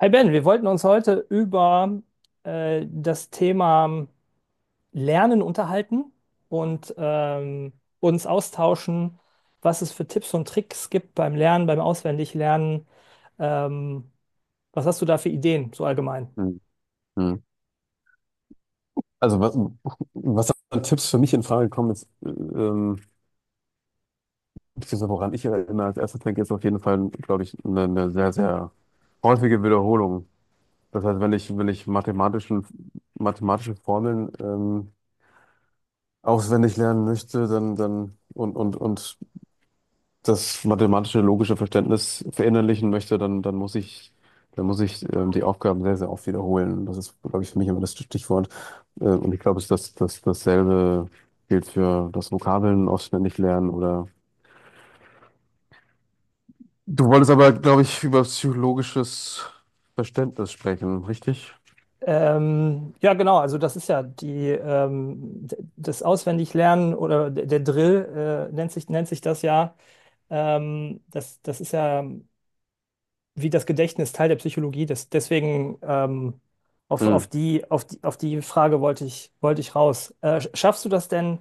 Hi Ben, wir wollten uns heute über das Thema Lernen unterhalten und uns austauschen, was es für Tipps und Tricks gibt beim Lernen, beim Auswendiglernen. Ähm, Was hast du da für Ideen, so allgemein? Hm, hm. Also was, was an Tipps für mich in Frage kommen ist, beziehungsweise woran ich immer als erstes denke, ist auf jeden Fall, glaube ich, eine sehr häufige Wiederholung. Das heißt, wenn ich mathematische Formeln auswendig lernen möchte, dann und das mathematische, logische Verständnis verinnerlichen möchte, dann muss ich, dann muss ich die Aufgaben sehr oft wiederholen. Das ist, glaube ich, für mich immer das Stichwort. Und ich glaube, es ist dasselbe gilt für das Vokabeln auswendig lernen oder. Du wolltest aber, glaube ich, über psychologisches Verständnis sprechen, richtig? Ja, genau, also das ist ja das Auswendiglernen oder der Drill nennt sich das ja. Das ist ja, wie das Gedächtnis Teil der Psychologie ist. Deswegen auf, auf Hm, die, auf die, auf die Frage wollte ich raus. Schaffst du das denn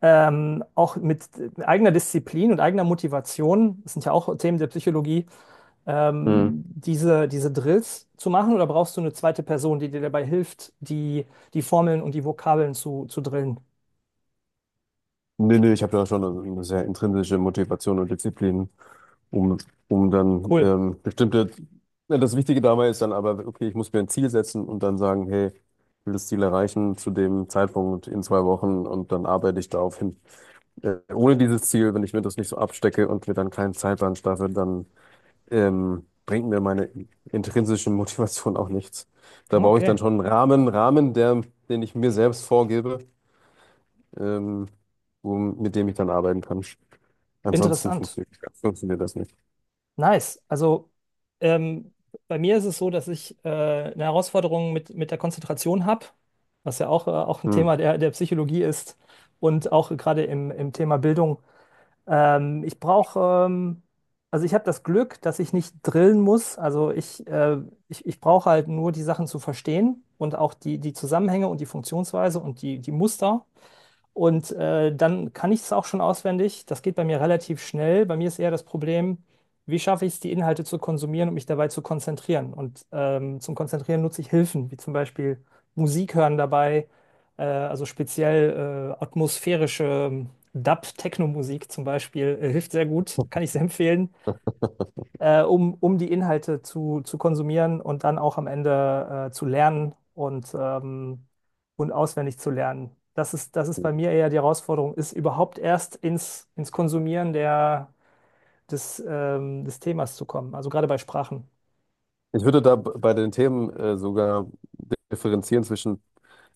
auch mit eigener Disziplin und eigener Motivation? Das sind ja auch Themen der Psychologie, hm. Diese Drills zu machen, oder brauchst du eine zweite Person, die dir dabei hilft, die Formeln und die Vokabeln zu drillen? Nee, ich habe da schon eine sehr intrinsische Motivation und Disziplin, um, um dann Cool. Bestimmte, ja, das Wichtige dabei ist dann aber, okay, ich muss mir ein Ziel setzen und dann sagen, hey, ich will das Ziel erreichen zu dem Zeitpunkt in zwei Wochen und dann arbeite ich darauf hin. Ohne dieses Ziel, wenn ich mir das nicht so abstecke und mir dann keinen Zeitplan schaffe, dann bringt mir meine intrinsische Motivation auch nichts. Da brauche ich dann Okay, schon einen Rahmen, der, den ich mir selbst vorgebe ähm, wo, mit dem ich dann arbeiten kann. Ansonsten interessant. Funktioniert das nicht. Nice. Also ähm, bei mir ist es so, dass ich eine Herausforderung mit der Konzentration habe, was ja auch ein Hm. Thema der Psychologie ist und auch gerade im Thema Bildung. Ähm, ich brauche, ähm, also ich habe das Glück, dass ich nicht drillen muss. Also ich brauche halt nur die Sachen zu verstehen und auch die Zusammenhänge und die Funktionsweise und die Muster. Und dann kann ich es auch schon auswendig. Das geht bei mir relativ schnell. Bei mir ist eher das Problem, wie schaffe ich es, die Inhalte zu konsumieren und mich dabei zu konzentrieren. Und zum Konzentrieren nutze ich Hilfen, wie zum Beispiel Musik hören dabei, also speziell atmosphärische Dub-Techno-Musik zum Beispiel, hilft sehr gut, kann ich sehr empfehlen, um die Inhalte zu konsumieren und dann auch am Ende zu lernen und auswendig zu lernen. Das ist bei mir eher die Herausforderung, ist überhaupt erst ins Konsumieren des Themas zu kommen. Also gerade bei Sprachen. Ich würde da bei den Themen sogar differenzieren zwischen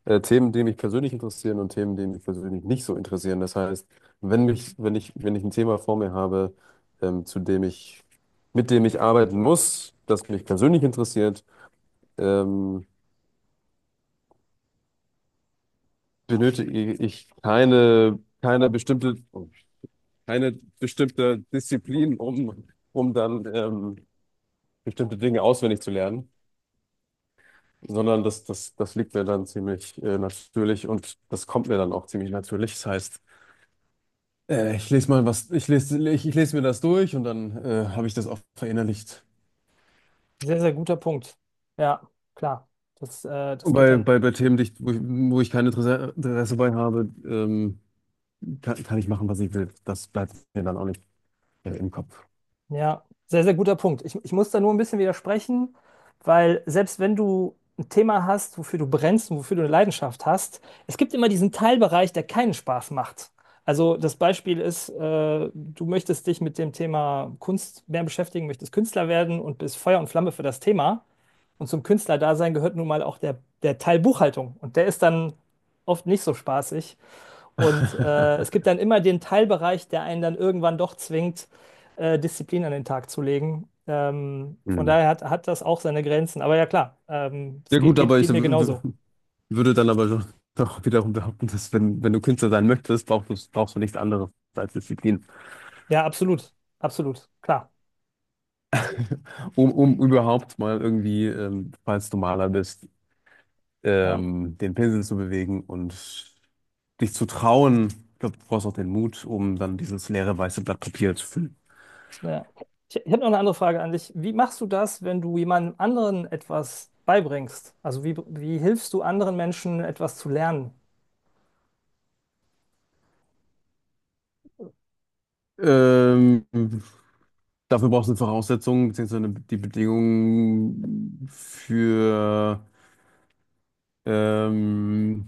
Themen, die mich persönlich interessieren und Themen, die mich persönlich nicht so interessieren. Das heißt, wenn ich ein Thema vor mir habe, zu dem ich, mit dem ich arbeiten muss, das mich persönlich interessiert, ähm, benötige ich keine keine bestimmte Disziplin, um, um dann bestimmte Dinge auswendig zu lernen, sondern das liegt mir dann ziemlich natürlich und das kommt mir dann auch ziemlich natürlich. Das heißt, ich lese mal was, ich lese mir das durch und dann habe ich das auch verinnerlicht. Sehr, sehr guter Punkt. Ja, klar. Und Das geht dann. Bei Themen, wo ich kein Interesse bei habe, kann, kann ich machen, was ich will. Das bleibt mir dann auch nicht im Kopf. Ja, sehr, sehr guter Punkt. Ich muss da nur ein bisschen widersprechen, weil selbst wenn du ein Thema hast, wofür du brennst und wofür du eine Leidenschaft hast, es gibt immer diesen Teilbereich, der keinen Spaß macht. Also das Beispiel ist, du möchtest dich mit dem Thema Kunst mehr beschäftigen, möchtest Künstler werden und bist Feuer und Flamme für das Thema. Und zum Künstlerdasein gehört nun mal auch der Teil Buchhaltung. Und der ist dann oft nicht so spaßig. Und es gibt dann immer den Teilbereich, der einen dann irgendwann doch zwingt, Disziplin an den Tag zu legen. Hm. Hat das auch seine Grenzen. Aber ja, klar, Ja gut, aber geht mir genauso. würde dann aber schon doch wiederum behaupten, dass wenn du Künstler sein möchtest, brauchst du nichts anderes als Disziplin. Ja, absolut. Absolut. Klar. Um, um überhaupt mal irgendwie, falls du Maler bist, Ja, den Pinsel zu bewegen und dich zu trauen. Ich glaube, du brauchst auch den Mut, um dann dieses leere weiße Blatt Papier zu füllen. ja. Ich habe noch eine andere Frage an dich. Wie machst du das, wenn du jemandem anderen etwas beibringst? Also wie hilfst du anderen Menschen, etwas zu lernen? Ähm, Dafür brauchst du Voraussetzungen, beziehungsweise die Bedingungen ähm,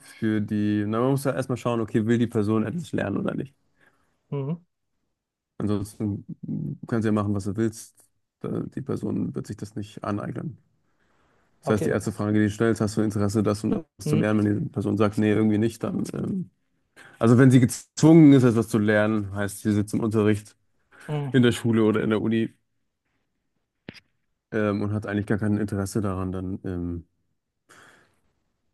für die, na, man muss ja erstmal schauen, okay, will die Person etwas lernen oder nicht. Mhm. Ansonsten kannst du ja machen, was du willst. Die Person wird sich das nicht aneignen. Das heißt, die Okay. erste Frage, die du stellst, hast du Interesse, das und das zu Mhm. lernen? Wenn die Person sagt, nee, irgendwie nicht, dann. Also, wenn sie gezwungen ist, etwas zu lernen, heißt, sie sitzt im Unterricht Mhm. in der Schule oder in der Uni und hat eigentlich gar kein Interesse daran, dann,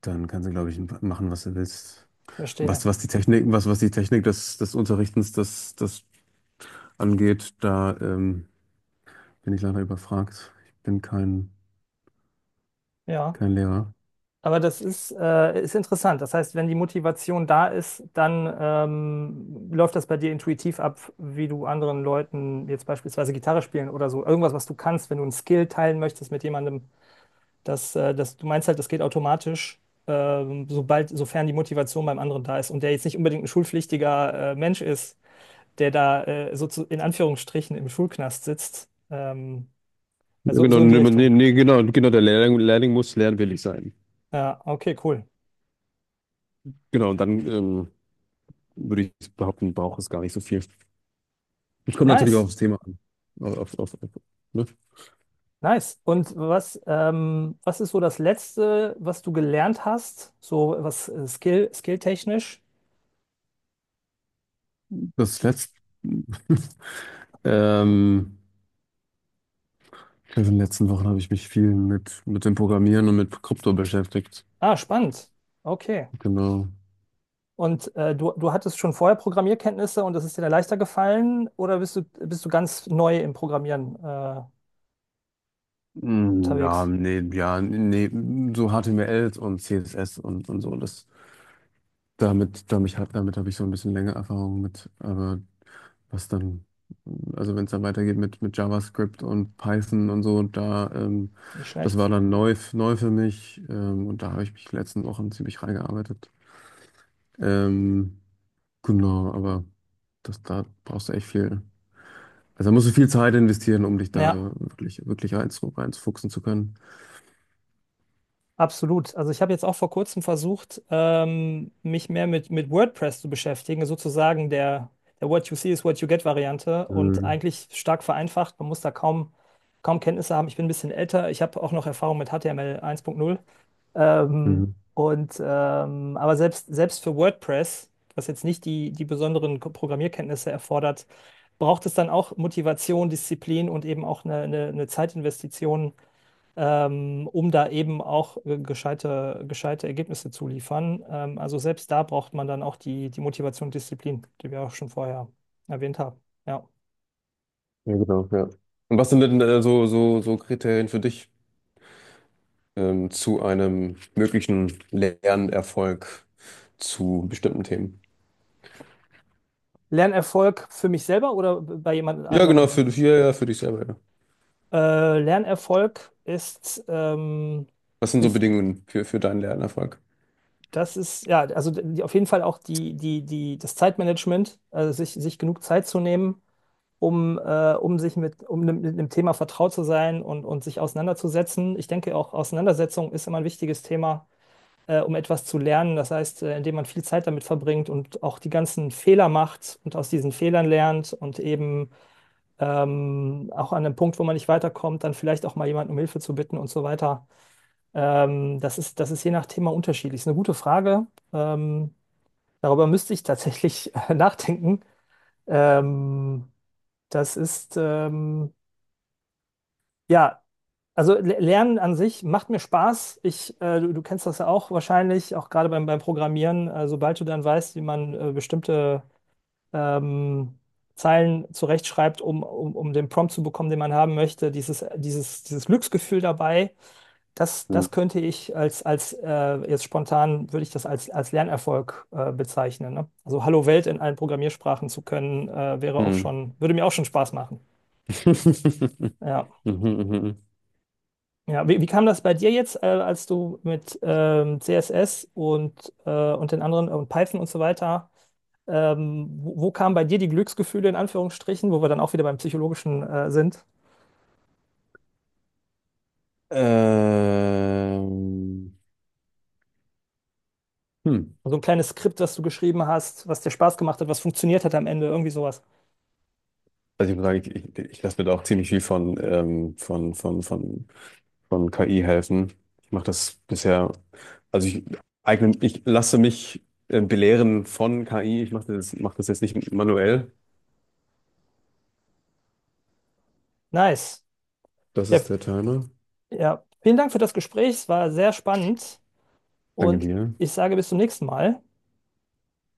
dann kann sie, glaube ich, machen, was sie willst. Verstehe. Was die was die Technik des, des Unterrichtens das angeht, da bin ich leider überfragt. Ich bin Ja. kein Lehrer. Aber das ist, ist interessant. Das heißt, wenn die Motivation da ist, dann läuft das bei dir intuitiv ab, wie du anderen Leuten jetzt beispielsweise Gitarre spielen oder so. Irgendwas, was du kannst, wenn du einen Skill teilen möchtest mit jemandem, das, du meinst halt, das geht automatisch, sofern die Motivation beim anderen da ist und der jetzt nicht unbedingt ein schulpflichtiger Mensch ist, der da so zu, in Anführungsstrichen, im Schulknast sitzt. Ja, Also genau, so in die Richtung. Genau, der Lehrling muss lernwillig sein. Ja, okay, cool. Genau, und dann würde ich behaupten, braucht es gar nicht so viel. Ich komme natürlich auch Nice. aufs Thema an. Auf, auf, auf, auf, ne? Nice. Und was, was ist so das Letzte, was du gelernt hast? So was Skill, skilltechnisch? Das letzte. Ähm, in den letzten Wochen habe ich mich viel mit dem Programmieren und mit Krypto beschäftigt. Ah, spannend. Okay. Genau. Und du hattest schon vorher Programmierkenntnisse und das ist dir dann leichter gefallen, oder bist du ganz neu im Programmieren Mm, ja, unterwegs? Nee, so HTML und CSS und so, das, damit habe ich so ein bisschen länger Erfahrung mit, aber was dann, also wenn es dann weitergeht mit JavaScript und Python und so, da, Nicht das war schlecht. dann neu, neu für mich, und da habe ich mich die letzten Wochen ziemlich reingearbeitet. Ähm, genau, aber das, da brauchst du echt viel. Also da musst du viel Zeit investieren, um dich da Ja. Wirklich reinzufuchsen zu können. Absolut. Also ich habe jetzt auch vor kurzem versucht, mich mehr mit WordPress zu beschäftigen, sozusagen der What you see is what you get Variante, und Mhm. eigentlich stark vereinfacht. Man muss da kaum Kenntnisse haben. Ich bin ein bisschen älter. Ich habe auch noch Erfahrung mit HTML 1.0. Ähm, Mhm. Aber selbst, selbst für WordPress, was jetzt nicht die besonderen Programmierkenntnisse erfordert, braucht es dann auch Motivation, Disziplin und eben auch eine Zeitinvestition, um da eben auch gescheite Ergebnisse zu liefern. Also selbst da braucht man dann auch die Motivation und Disziplin, die wir auch schon vorher erwähnt haben. Ja. Ja, genau, ja. Und was sind denn so, so Kriterien für dich zu einem möglichen Lernerfolg zu bestimmten Themen? Lernerfolg für mich selber oder bei jemand Ja, genau, anderem? für, ja, ja, für dich selber, ja. Lernerfolg ist, ähm, Was sind so ist, Bedingungen für deinen Lernerfolg? das ist, ja, also die, auf jeden Fall auch die, die, die, das Zeitmanagement, also sich genug Zeit zu nehmen, um sich mit, um mit einem Thema vertraut zu sein und sich auseinanderzusetzen. Ich denke auch, Auseinandersetzung ist immer ein wichtiges Thema, um etwas zu lernen. Das heißt, indem man viel Zeit damit verbringt und auch die ganzen Fehler macht und aus diesen Fehlern lernt und eben auch an einem Punkt, wo man nicht weiterkommt, dann vielleicht auch mal jemanden um Hilfe zu bitten und so weiter. Das ist je nach Thema unterschiedlich. Ist eine gute Frage. Ähm, darüber müsste ich tatsächlich nachdenken. Ähm, das ist, ähm, Ja, also Lernen an sich macht mir Spaß. Du kennst das ja auch wahrscheinlich, auch gerade beim Programmieren. Sobald du dann weißt, wie man bestimmte ähm, Zeilen zurechtschreibt, um den Prompt zu bekommen, den man haben möchte, dieses Glücksgefühl dabei, Hm. das könnte ich als jetzt spontan, würde ich das als Lernerfolg bezeichnen. Ne? Also Hallo Welt in allen Programmiersprachen zu können, wäre auch Hm. schon, würde mir auch schon Spaß machen. Ja. Mhm, mhm. Ja, wie kam das bei dir jetzt, als du mit CSS und den anderen und Python und so weiter, wo kamen bei dir die Glücksgefühle in Anführungsstrichen, wo wir dann auch wieder beim Psychologischen sind? Ähm, hm. So ein kleines Skript, was du geschrieben hast, was dir Spaß gemacht hat, was funktioniert hat am Ende, irgendwie sowas. Also ich muss sagen, ich lasse mir da auch ziemlich viel von, von KI helfen. Ich mache das bisher, also ich eigne, ich lasse mich belehren von KI. Ich mache mach das jetzt nicht manuell. Nice. Das Ja, ist der Timer. ja, vielen Dank für das Gespräch, es war sehr spannend, Danke und dir. ich sage bis zum nächsten Mal.